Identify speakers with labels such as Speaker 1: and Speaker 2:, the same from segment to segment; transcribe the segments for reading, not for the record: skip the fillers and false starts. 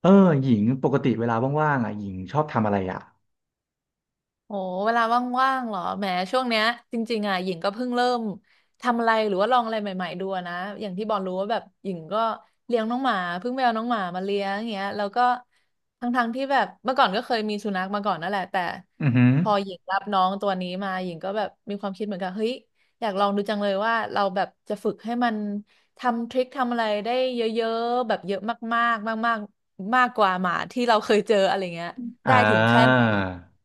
Speaker 1: เออหญิงปกติเวลาว่างๆอ่ะหญิงชอบทำอะไรอ่ะ
Speaker 2: โอ้เวลาว่างๆเหรอแหมช่วงเนี้ยจริงๆอ่ะหญิงก็เพิ่งเริ่มทำอะไรหรือว่าลองอะไรใหม่ๆดูอะนะอย่างที่บอลรู้ว่าแบบหญิงก็เลี้ยงน้องหมาเพิ่งไปเอาน้องหมามาเลี้ยงอย่างเงี้ยแล้วก็ทั้งๆที่แบบเมื่อก่อนก็เคยมีสุนัขมาก่อนนั่นแหละแต่
Speaker 1: อือหือ
Speaker 2: พอหญิงรับน้องตัวนี้มาหญิงก็แบบมีความคิดเหมือนกันเฮ้ยอยากลองดูจังเลยว่าเราแบบจะฝึกให้มันทำทริคทำอะไรได้เยอะๆแบบเยอะมากๆมากๆมากกว่าหมาที่เราเคยเจออะไรเงี้ย
Speaker 1: อ่า
Speaker 2: ได้ถึงแค่ไหน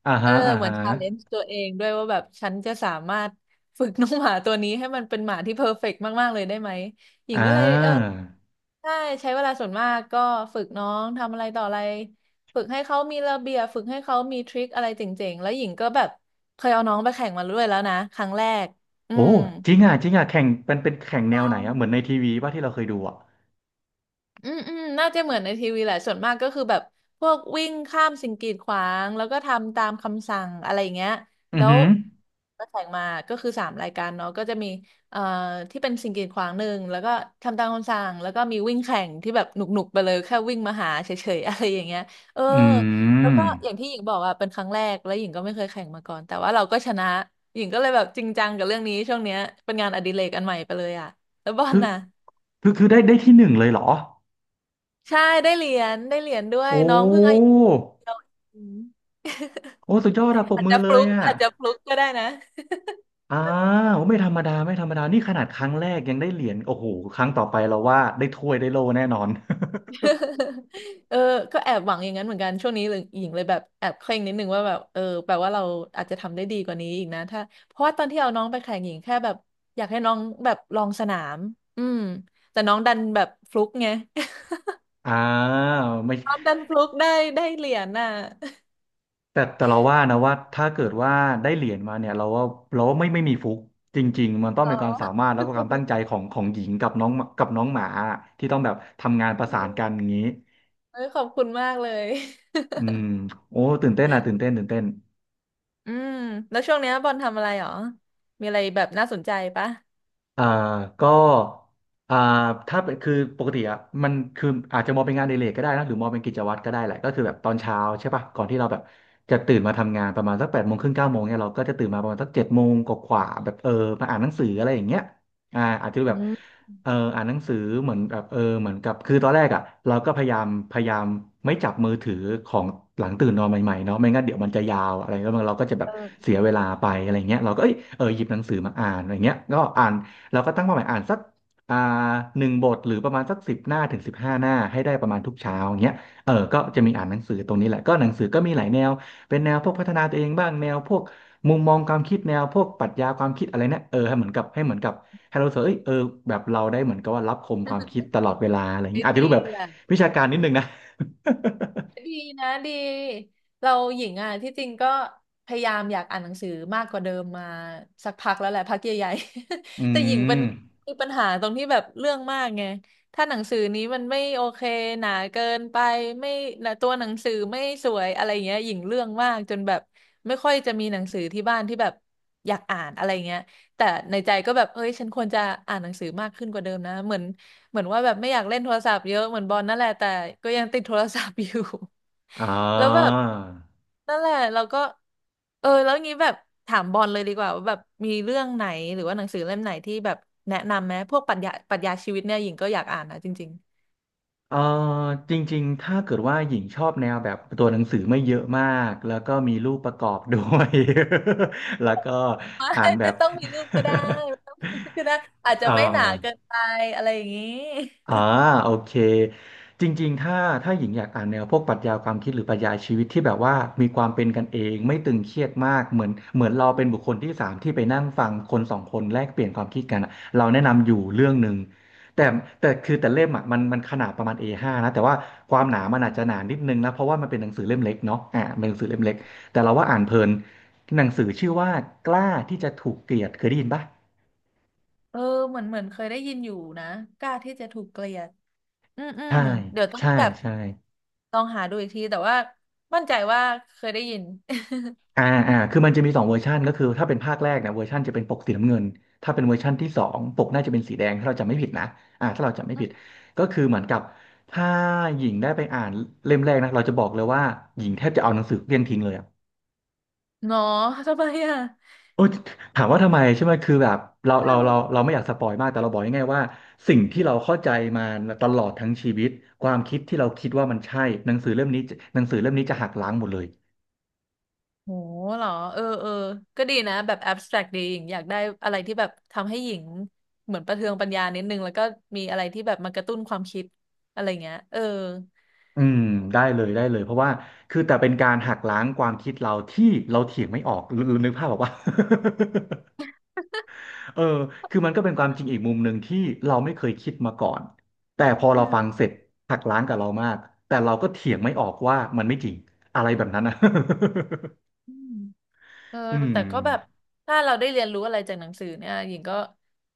Speaker 1: อ่า
Speaker 2: เออ
Speaker 1: ฮะอ่า
Speaker 2: เหมือ
Speaker 1: ฮะ
Speaker 2: นชาเลนจ์ตัวเองด้วยว่าแบบฉันจะสามารถฝึกน้องหมาตัวนี้ให้มันเป็นหมาที่เพอร์เฟกต์มาก ๆ เลยได้ไหมหญิ
Speaker 1: อ่
Speaker 2: งก็เลยเออ
Speaker 1: า
Speaker 2: ใช่ใช้เวลาส่วนมากก็ฝึกน้องทำอะไรต่ออะไรฝึกให้เขามีระเบียบฝึกให้เขามีทริคอะไรเจ๋งๆ แล้วหญิงก็แบบเคยเอาน้องไปแข่งมาด้วยแล้วนะครั้งแรกอื
Speaker 1: โอ้
Speaker 2: ม
Speaker 1: จริงอ่ะจริงอ่ะแข่งเป็นแข่ง
Speaker 2: ใช
Speaker 1: แนวไหนอ่ะเหมือนใน
Speaker 2: ่
Speaker 1: ทีวีป่ะที่เราเคยดูอ่ะ
Speaker 2: อืมอืมน่าจะเหมือนในทีวีแหละส่วนมากก็คือแบบพวกวิ่งข้ามสิ่งกีดขวางแล้วก็ทำตามคำสั่งอะไรอย่างเงี้ย
Speaker 1: อือ
Speaker 2: แล้
Speaker 1: หื
Speaker 2: ว
Speaker 1: อ
Speaker 2: ก็แข่งมาก็คือสามรายการเนาะก็จะมีเอ่อที่เป็นสิ่งกีดขวางหนึ่งแล้วก็ทำตามคำสั่งแล้วก็มีวิ่งแข่งที่แบบหนุกๆไปเลยแค่วิ่งมาหาเฉยๆ อะไรอย่างเงี้ยเออ
Speaker 1: อื
Speaker 2: แล้ว
Speaker 1: ม
Speaker 2: ก็อย่างที่หญิงบอกอะเป็นครั้งแรกแล้วหญิงก็ไม่เคยแข่งมาก่อนแต่ว่าเราก็ชนะหญิงก็เลยแบบจริงจังกับเรื่องนี้ช่วงเนี้ยเป็นงานอดิเรกอันใหม่ไปเลยอะแล้วบอล
Speaker 1: คือ
Speaker 2: น่ะ
Speaker 1: คือได้ที่หนึ่งเลยเหรอ
Speaker 2: ใช่ได้เหรียญได้เหรียญด้วย
Speaker 1: โอ
Speaker 2: น้องเพิ่งอายุ
Speaker 1: ้
Speaker 2: เดียวอืม
Speaker 1: โอ้สุดยอดอะปรบมือเลยอ่ะ
Speaker 2: อาจจะฟลุกก็ได้นะ
Speaker 1: อ่าโอ้ไม่ธรรมดาไม่ธรรมดานี่ขนาดครั้งแรกยังได้เหรียญโอ้โหครั้งต่อไปเราว่าได้ถ้วยได้โล่แน่นอน
Speaker 2: เออก็แอบหวังอย่างนั้นเหมือนกันช่วงนี้หญิงเลยแบบแอบเคร่งนิดนึงว่าแบบเออแปลว่าเราอาจจะทำได้ดีกว่านี้อีกนะถ้าเพราะว่าตอนที่เอาน้องไปแข่งหญิงแค่แบบอยากให้น้องแบบลองสนามอืมแต่น้องดันแบบฟลุกไง
Speaker 1: อ่าไม่
Speaker 2: น้องดันฟลุกได้ได้เหรียญน่ะ
Speaker 1: แต่แต่เราว่านะว่าถ้าเกิดว่าได้เหรียญมาเนี่ยเราว่าไม่มีฟุกจริงๆมันต้อง
Speaker 2: เหรอ
Speaker 1: เป็นความสามารถแล้วก็ความตั้งใจของหญิงกับน้องกับน้องหมาที่ต้องแบบทำงานป
Speaker 2: อื
Speaker 1: ระสา
Speaker 2: ม
Speaker 1: น กันอย่างนี้
Speaker 2: เออขอบคุณมากเลย
Speaker 1: อืมโอ้ตื่นเต้นอ่ะตื่นเต้นตื่นเต้น
Speaker 2: อืมแล้วช่วงเนี้ยบอลทำอะไรหรอมีอะไรแบบน่าสนใจปะ
Speaker 1: อ่าก็อ่าถ้าเป็นคือปกติอ่ะมันคืออาจจะมองเป็นงานอดิเรกก็ได้นะหรือมองเป็นกิจวัตรก็ได้แหละก็คือแบบตอนเช้าใช่ป่ะก่อนที่เราแบบจะตื่นมาทำงานประมาณสัก8 โมงครึ่ง9 โมงเนี่ยเราก็จะตื่นมาประมาณสัก7 โมงกว่าๆแบบเออมาอ่านหนังสืออะไรอย่างเงี้ยอาจจะแบบ
Speaker 2: อืม
Speaker 1: อ่านหนังสือเหมือนแบบเออเหมือนกับคือตอนแรกอ่ะเราก็พยายามไม่จับมือถือของหลังตื่นนอนใหม่ๆเนาะไม่งั้นเดี๋ยวมันจะยาวอะไรแล้วมันเราก็จะแบบ
Speaker 2: เออ
Speaker 1: เสียเวลาไปอะไรเงี้ยเราก็เอ้ยเออหยิบหนังสือมาอ่านอะไรเงี้ยก็อ่าน เราก็ตั้งเป้าหมายอ่านสักอ่าหนึ่งบทหรือประมาณสัก10 หน้าถึง15 หน้าให้ได้ประมาณทุกเช้าอย่างเงี้ยเออก็จะมีอ่านหนังสือตรงนี้แหละก็หนังสือก็มีหลายแนวเป็นแนวพวกพัฒนาตัวเองบ้างแนวพวกมุมมองความคิดแนวพวกปรัชญาความคิดอะไรเนี่ยเออให้เหมือนกับให้เหมือนกับให้เรารู้สึกว่าเอ้ยเออแบบเราได้เหมือนกับว่ารับคมความคิดตลอดเวลาอะไรอย่าง
Speaker 2: ได้
Speaker 1: งี้อาจจะ
Speaker 2: ดี
Speaker 1: ดูแบบ
Speaker 2: อ่ะ
Speaker 1: วิชาการนิดนึงนะ
Speaker 2: ดีนะดีเราหญิงอ่ะที่จริงก็พยายามอยากอ่านหนังสือมากกว่าเดิมมาสักพักแล้วแหละพักใหญ่ๆ
Speaker 1: อื
Speaker 2: แต่หญิงเป็น
Speaker 1: ม
Speaker 2: มีปัญหาตรงที่แบบเรื่องมากไงถ้าหนังสือนี้มันไม่โอเคหนาเกินไปไม่นะตัวหนังสือไม่สวยอะไรอย่างเงี้ยหญิงเรื่องมากจนแบบไม่ค่อยจะมีหนังสือที่บ้านที่แบบอยากอ่านอะไรเงี้ยแต่ในใจก็แบบเอ้ยฉันควรจะอ่านหนังสือมากขึ้นกว่าเดิมนะเหมือน เหมือนว่าแบบไม่อยากเล่นโทรศัพท์เยอะเหมือนบอลนั่นแหละแต่ก็ยังติดโทรศัพท์อยู่
Speaker 1: อ่
Speaker 2: แล้วแบบ
Speaker 1: า
Speaker 2: นั่นแหละเราก็เออแล้วงี้แบบถามบอลเลยดีกว่าว่าแบบมีเรื่องไหนหรือว่าหนังสือเล่มไหนที่แบบแนะนำไหมพวกปรัชญาชีวิตเนี่ยหญิงก็อยากอ่านนะจริง
Speaker 1: เออจริงๆ ถ้าเกิดว่าหญิงชอบแนวแบบตัวหนังสือไม่เยอะมากแล้วก็มีรูปประกอบด้วย แล้วก็
Speaker 2: ๆ
Speaker 1: อ่า
Speaker 2: ไม่
Speaker 1: นแบ
Speaker 2: ไม่
Speaker 1: บ
Speaker 2: ต้องมีรูปก็ได้ไม่ต้องมีรูปก็ได้ อา จ
Speaker 1: เอ
Speaker 2: จะ
Speaker 1: อ
Speaker 2: ไม่หนาเกินไปอะไรอย่างนี้
Speaker 1: อ่าโอเคจริงๆถ้าถ้าหญิงอยากอ่านแนวพวกปรัชญาความคิดหรือปรัชญาชีวิตที่แบบว่ามีความเป็นกันเองไม่ตึงเครียดมากเหมือนเรา
Speaker 2: อื
Speaker 1: เป็น
Speaker 2: ม
Speaker 1: บุคคลที่สามที่ไปนั่งฟังคนสองคนแลกเปลี่ยนความคิดกันอะเราแนะนำอยู่เรื่องหนึ่งแต่แต่เล่มอ่ะมันขนาดประมาณ A5 นะแต่ว่าความหนา
Speaker 2: อื
Speaker 1: มันอาจจะหนา
Speaker 2: ม
Speaker 1: นิดนึงนะเพราะว่ามันเป็นหนังสือเล่มเล็กเนาะอ่าเป็นหนังสือเล่มเล็กแต่เราว่าอ่านเพลินหนังสือชื่อว่ากล้าที่จะถูกเกลียดเคยได้ยินปะ
Speaker 2: เออเหมือนเหมือนเคยได้ยินอยู่นะกล้าที่จะถูกเกลียดอืมอืม
Speaker 1: ใช่
Speaker 2: เดี๋ยวต้อง
Speaker 1: ใช่
Speaker 2: แบบ
Speaker 1: ใช่
Speaker 2: ลองหาดูอีกทีแต่ว่ามั่นใจว่าเคยได้ยิน
Speaker 1: อ่าคือมันจะมีสองเวอร์ชันก็คือถ้าเป็นภาคแรกเนี่ยเวอร์ชันจะเป็นปกสีน้ำเงินถ้าเป็นเวอร์ชันที่สองปกน่าจะเป็นสีแดงถ้าเราจำไม่ผิดนะอ่าถ้าเราจำไม่ผิด ก็คือเหมือนกับถ้าหญิงได้ไปอ่านเล่มแรกนะเราจะบอกเลยว่าหญิงแทบจะเอาหนังสือเลี่ยงทิ้งเลยอะ
Speaker 2: เนาะทำไมอ่ะ
Speaker 1: โอ้ยถามว่าทำไมใช่ไหมคือแบบเราไม่อยากสปอยมากแต่เราบอกง่ายๆว่าสิ่งที่เราเข้าใจมาตลอดทั้งชีวิตความคิดที่เราคิดว่ามันใช่หนังสือเล่มนี้หนังสือเล่มนี้จะหักล้างหมดเลย
Speaker 2: โหเหรอเออเออก็ดีนะแบบ abstract ดีหญิงอยากได้อะไรที่แบบทำให้หญิงเหมือนประเทืองปัญญานิดนึงแล้วก็มีอะไรที่แบบมากระตุ้นความคิดอะไรเงี้ยเออ
Speaker 1: อืมได้เลยได้เลยเพราะว่าคือแต่เป็นการหักล้างความคิดเราที่เราเถียงไม่ออกหรือนึกภาพบอกว่า เออคือมันก็เป็นความจริงอีกมุมหนึ่งที่เราไม่เคยคิดมาก่อนแต่พอ
Speaker 2: อื
Speaker 1: เราฟังเส
Speaker 2: ม
Speaker 1: ร็จหักล้างกับเรามากแต่เราก็เถียงไม่ออกว่ามันไม่จริงอะไรแบบนั้นนะ
Speaker 2: อืม เออ
Speaker 1: อื
Speaker 2: แต่
Speaker 1: ม
Speaker 2: ก็แบบถ้าเราได้เรียนรู้อะไรจากหนังสือเนี่ยหญิงก็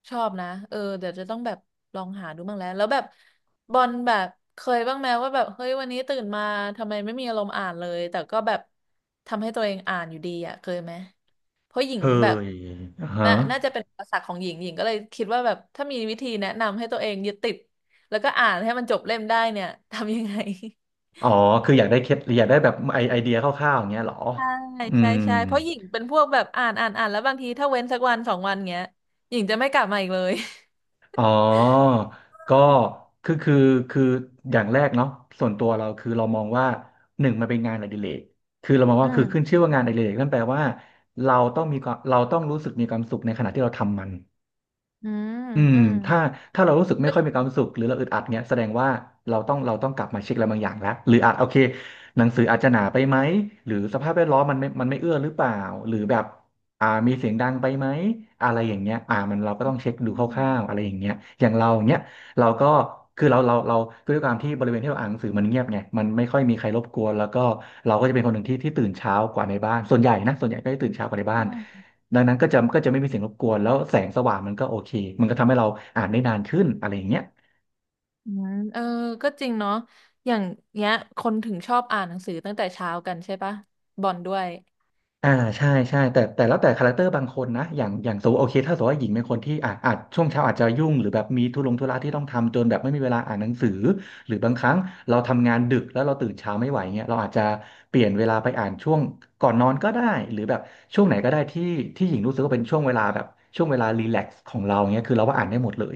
Speaker 2: ชอบนะเออเดี๋ยวจะต้องแบบลองหาดูบ้างแล้วแล้วแบบบอลแบบเคยบ้างไหมว่าแบบเฮ้ยวันนี้ตื่นมาทำไมไม่มีอารมณ์อ่านเลยแต่ก็แบบทำให้ตัวเองอ่านอยู่ดีอ่ะเคยไหมเพราะหญิง
Speaker 1: เค
Speaker 2: แบบ
Speaker 1: ยฮะ
Speaker 2: น่าจะเป็นอุปสรรคของหญิงหญิงก็เลยคิดว่าแบบถ้ามีวิธีแนะนำให้ตัวเองยึดติดแล้วก็อ่านให้มันจบเล่มได้เนี่ยทำยังไง
Speaker 1: อ๋อคืออยากได้เคล็ดอยากได้แบบไอเดียคร่าวๆอย่างเงี้ยเหรอ
Speaker 2: ใช่
Speaker 1: อื
Speaker 2: ใช่
Speaker 1: ม
Speaker 2: ใช่เพราะหญิงเป็นพวกแบบอ่านอ่านอ่านแล้วบางทีถ้าเว้นสักวันสองวันเงี้ยหญิงจะไม่กลับมาอีกเลย
Speaker 1: อ๋อก็คือคือคืออย่างแรกเนาะส่วนตัวเราคือเรามองว่า หนึ่งมันเป็นงานอดิเรกคือเรามอง
Speaker 2: อื
Speaker 1: ว่าคือขึ้น
Speaker 2: ม
Speaker 1: ชื่อว่างานอดิเรกนั่นแปลว่าเราต้องรู้สึกมีความสุขในขณะที่เราทำมัน
Speaker 2: อืม
Speaker 1: อืม
Speaker 2: อืม
Speaker 1: ถ้าถ้าเรารู้สึกไม่
Speaker 2: ก็
Speaker 1: ค่อย
Speaker 2: จริ
Speaker 1: มีความ
Speaker 2: ง
Speaker 1: สุขหรือเราอึดอัดเนี้ยแสดงว่าเราต้องกลับมาเช็คอะไรบางอย่างแล้วหรืออาจโอเคหนังสืออาจจะหนาไปไหมหรือสภาพแวดล้อมมันไม่เอื้อหรือเปล่าหรือแบบมีเสียงดังไปไหมอะไรอย่างเงี้ยมันเราก็ต้องเช็ค
Speaker 2: อื
Speaker 1: ดูค
Speaker 2: ม
Speaker 1: ร่าวๆอะไรอย่างเงี้ยอย่างเราเนี้ยเราก็คือเราคือด้วยความที่บริเวณที่เราอ่านหนังสือมันเงียบไงมันไม่ค่อยมีใครรบกวนแล้วก็เราก็จะเป็นคนหนึ่งที่ตื่นเช้ากว่าในบ้านส่วนใหญ่นะส่วนใหญ่ก็จะตื่นเช้ากว่าในบ้า
Speaker 2: อื
Speaker 1: น
Speaker 2: ม
Speaker 1: ดังนั้นก็จะไม่มีเสียงรบกวนแล้วแสงสว่างมันก็โอเคมันก็ทำให้เราอ่านได้นานขึ้นอะไรอย่างเงี้ย
Speaker 2: อืมเออก็จริงเนาะอย่างเงี้ยคนถึงชอบอ่านหนังสือตั้งแต่เช้ากันใช่ปะบอลด้วย
Speaker 1: อ่าใช่ใช่แต่แล้วแต่คาแรคเตอร์บางคนนะอย่างสมมติโอเคถ้าสมมติว่าหญิงเป็นคนที่อาจช่วงเช้าอาจจะยุ่งหรือแบบมีธุระที่ต้องทำจนแบบไม่มีเวลาอ่านหนังสือหรือบางครั้งเราทำงานดึกแล้วเราตื่นเช้าไม่ไหวเงี้ยเราอาจจะเปลี่ยนเวลาไปอ่านช่วงก่อนนอนก็ได้หรือแบบช่วงไหนก็ได้ที่หญิงรู้สึกว่าเป็นช่วงเวลาแบบช่วงเวลารีแลกซ์ของเราเงี้ยคือเราว่าอ่านได้หมดเลย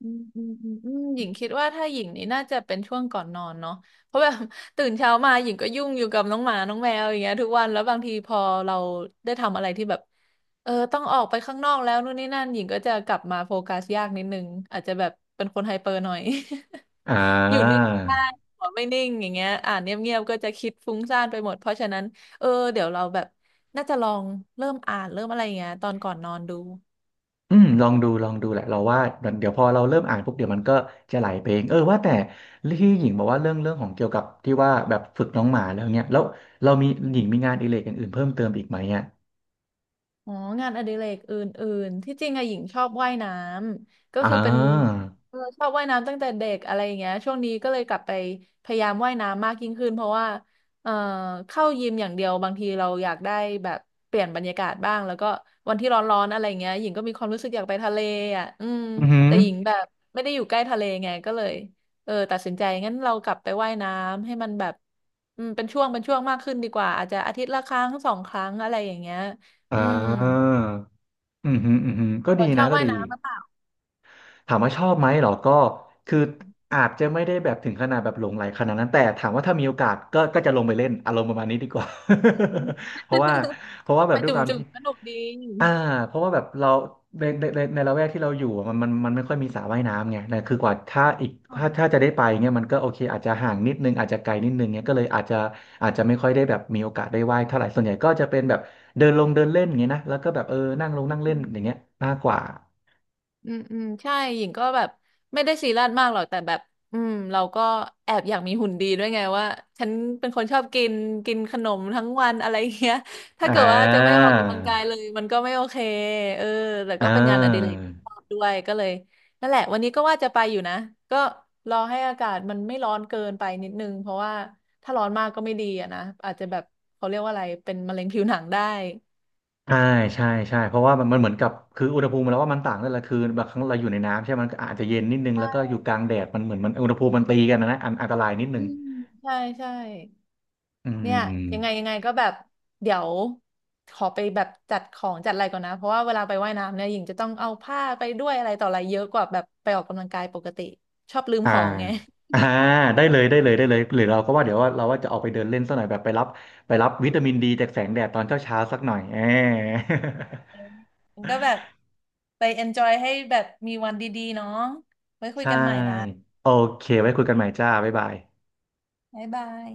Speaker 2: อืมอืมอืมอืมหญิงคิดว่าถ้าหญิงนี่น่าจะเป็นช่วงก่อนนอนเนาะเพราะแบบ ตื่นเช้ามาหญิงก็ยุ่งอยู่กับน้องหมาน้องแมวอย่างเงี้ยทุกวันแล้วบางทีพอเราได้ทำอะไรที่แบบเออต้องออกไปข้างนอกแล้วนู่นนี่นั่นหญิงก็จะกลับมาโฟกัสยากนิดนึงอาจจะแบบเป็นคนไฮเปอร์หน่อย
Speaker 1: อ่
Speaker 2: อยู่นิ่ง
Speaker 1: า
Speaker 2: ไม่ได้หัวไม่นิ่งอย่างเงี้ยอ่านเงียบๆก็จะคิดฟุ้งซ่านไปหมดเพราะฉะนั้นเออเดี๋ยวเราแบบน่าจะลองเริ่มอ่านเริ่มอะไรอย่างเงี้ยตอนก่อนนอนดู
Speaker 1: อืมลองดูลองดูแหละเราว่าเดี๋ยวพอเราเริ่มอ่านปุ๊บเดี๋ยวมันก็จะไหลไปเองเออว่าแต่ที่หญิงบอกว่าเรื่องของเกี่ยวกับที่ว่าแบบฝึกน้องหมาแล้วเนี่ยแล้วเรามีหญิงมีงานอดิเรกอย่างอื่นเพิ่มเติมอีกไหมอ่ะ
Speaker 2: อ๋องานอดิเรกอื่นๆที่จริงอะหญิงชอบว่ายน้ำก็
Speaker 1: อ่
Speaker 2: คือเป็น
Speaker 1: า
Speaker 2: เออชอบว่ายน้ำตั้งแต่เด็กอะไรอย่างเงี้ยช่วงนี้ก็เลยกลับไปพยายามว่ายน้ำมากยิ่งขึ้นเพราะว่าเอ่อเข้ายิมอย่างเดียวบางทีเราอยากได้แบบเปลี่ยนบรรยากาศบ้างแล้วก็วันที่ร้อนๆอะไรเงี้ยหญิงก็มีความรู้สึกอยากไปทะเลอ่ะอืม
Speaker 1: อือหือ
Speaker 2: แต่หญิงแบบไม่ได้อยู่ใกล้ทะเลไงก็เลยเออตัดสินใจงั้นเรากลับไปว่ายน้ำให้มันแบบอืมเป็นช่วงมากขึ้นดีกว่าอาจจะอาทิตย์ละครั้งสองครั้งอะไรอย่างเงี้ย
Speaker 1: อ่
Speaker 2: อืม
Speaker 1: าอืมฮึมอืมฮึมก็
Speaker 2: ฝ
Speaker 1: ดี
Speaker 2: นช
Speaker 1: นะ
Speaker 2: อบ
Speaker 1: ก็
Speaker 2: ว่าย
Speaker 1: ดี
Speaker 2: น้ำหรือเปล่า
Speaker 1: ถามว่าชอบไหมเหรอก็คืออาจจะไม่ได้แบบถึงขนาดแบบหลงใหลขนาดนั้นแต่ถามว่าถ้ามีโอกาสก็ก็จะลงไปเล่นอารมณ์ประมาณนี้ดีกว่า
Speaker 2: เออ
Speaker 1: เพราะว่าเพราะ
Speaker 2: ล
Speaker 1: ว่า
Speaker 2: ง
Speaker 1: แบ
Speaker 2: ไป
Speaker 1: บด้วยความ
Speaker 2: จุ่ม
Speaker 1: ที่
Speaker 2: ๆสนุกดี
Speaker 1: อ่าเพราะว่าแบบเราในละแวกที่เราอยู่อะมันไม่ค่อยมีสระว่ายน้ำไงแต่คือกว่าถ้าอีกถ้าจะได้ไปเงี้ยมันก็โอเคอาจจะห่างนิดนึงอาจจะไกลนิดนึงเงี้ยก็เลยอาจจะไม่ค่อยได้แบบมีโอกาสได้ว่ายเท่าไหร่ส่วนใหญ่ก็จะเป็นแบบเดินลงเดินเล่นอย่างเงี้ยนะแล้วก็แบบเออนั่งลงนั่งเล่น
Speaker 2: อื
Speaker 1: อย่างเงี้ย
Speaker 2: ม
Speaker 1: มากกว่า
Speaker 2: อืมอืมใช่หญิงก็แบบไม่ได้ซีเรียสมากหรอกแต่แบบอืมเราก็แอบอยากมีหุ่นดีด้วยไงว่าฉันเป็นคนชอบกินกินขนมทั้งวันอะไรเงี้ย ถ้า
Speaker 1: อ่
Speaker 2: เกิดว่าจะไม่ออ
Speaker 1: า
Speaker 2: กกำลังกายเลยมันก็ไม่โอเคเออแต่
Speaker 1: อ่
Speaker 2: ก็เป็นงานอดิเร
Speaker 1: า
Speaker 2: กที่ชอบด้วยก็เลยนั่นแหละวันนี้ก็ว่าจะไปอยู่นะก็รอให้อากาศมันไม่ร้อนเกินไปนิดนึงเพราะว่าถ้าร้อนมากก็ไม่ดีอะนะอาจจะแบบเขาเรียกว่าอะไรเป็นมะเร็งผิวหนังได้
Speaker 1: ใช่ใช่ใช่เพราะว่ามันเหมือนกับคืออุณหภูมิแล้วว่ามันต่างนั่นแหละคือบางครั้งเราอยู่ในน้ำใช่ไหมมันก็อาจจะเย็นนิดนึงแล้วก็อยู่กลางแดดมันเหมือนมันอุณหภูมิมันตีกันนะอันตรายนิดนึ
Speaker 2: อื
Speaker 1: ง
Speaker 2: มใช่ใช่
Speaker 1: อื
Speaker 2: เนี่ยยังไง
Speaker 1: ม
Speaker 2: ยังไงก็แบบเดี๋ยวขอไปแบบจัดของจัดอะไรก่อนนะเพราะว่าเวลาไปว่ายน้ำเนี่ยหญิงจะต้องเอาผ้าไปด้วยอะไรต่ออะไรเยอะกว่าแบบไปออกกำลังกายปกติชอบลืม
Speaker 1: อ่า
Speaker 2: ของไง
Speaker 1: อ่าได้เลยได้เลย ได้เลย หรือเราก็ว่าเดี๋ยวเราว่าจะออกไปเดินเล่นสักหน่อยแบบไปรับ ไปรับวิตามินดีจากแสงแดดตอนเช้าเช้าสักหน่อยเออ
Speaker 2: มันก็แบบไป enjoy ให้แบบมีวันดีๆเนาะไว้ คุย
Speaker 1: ใช่
Speaker 2: กันใหม่ละ
Speaker 1: โอเค ไว้คุยกันใหม่จ้า บ๊ายบาย
Speaker 2: บ๊ายบาย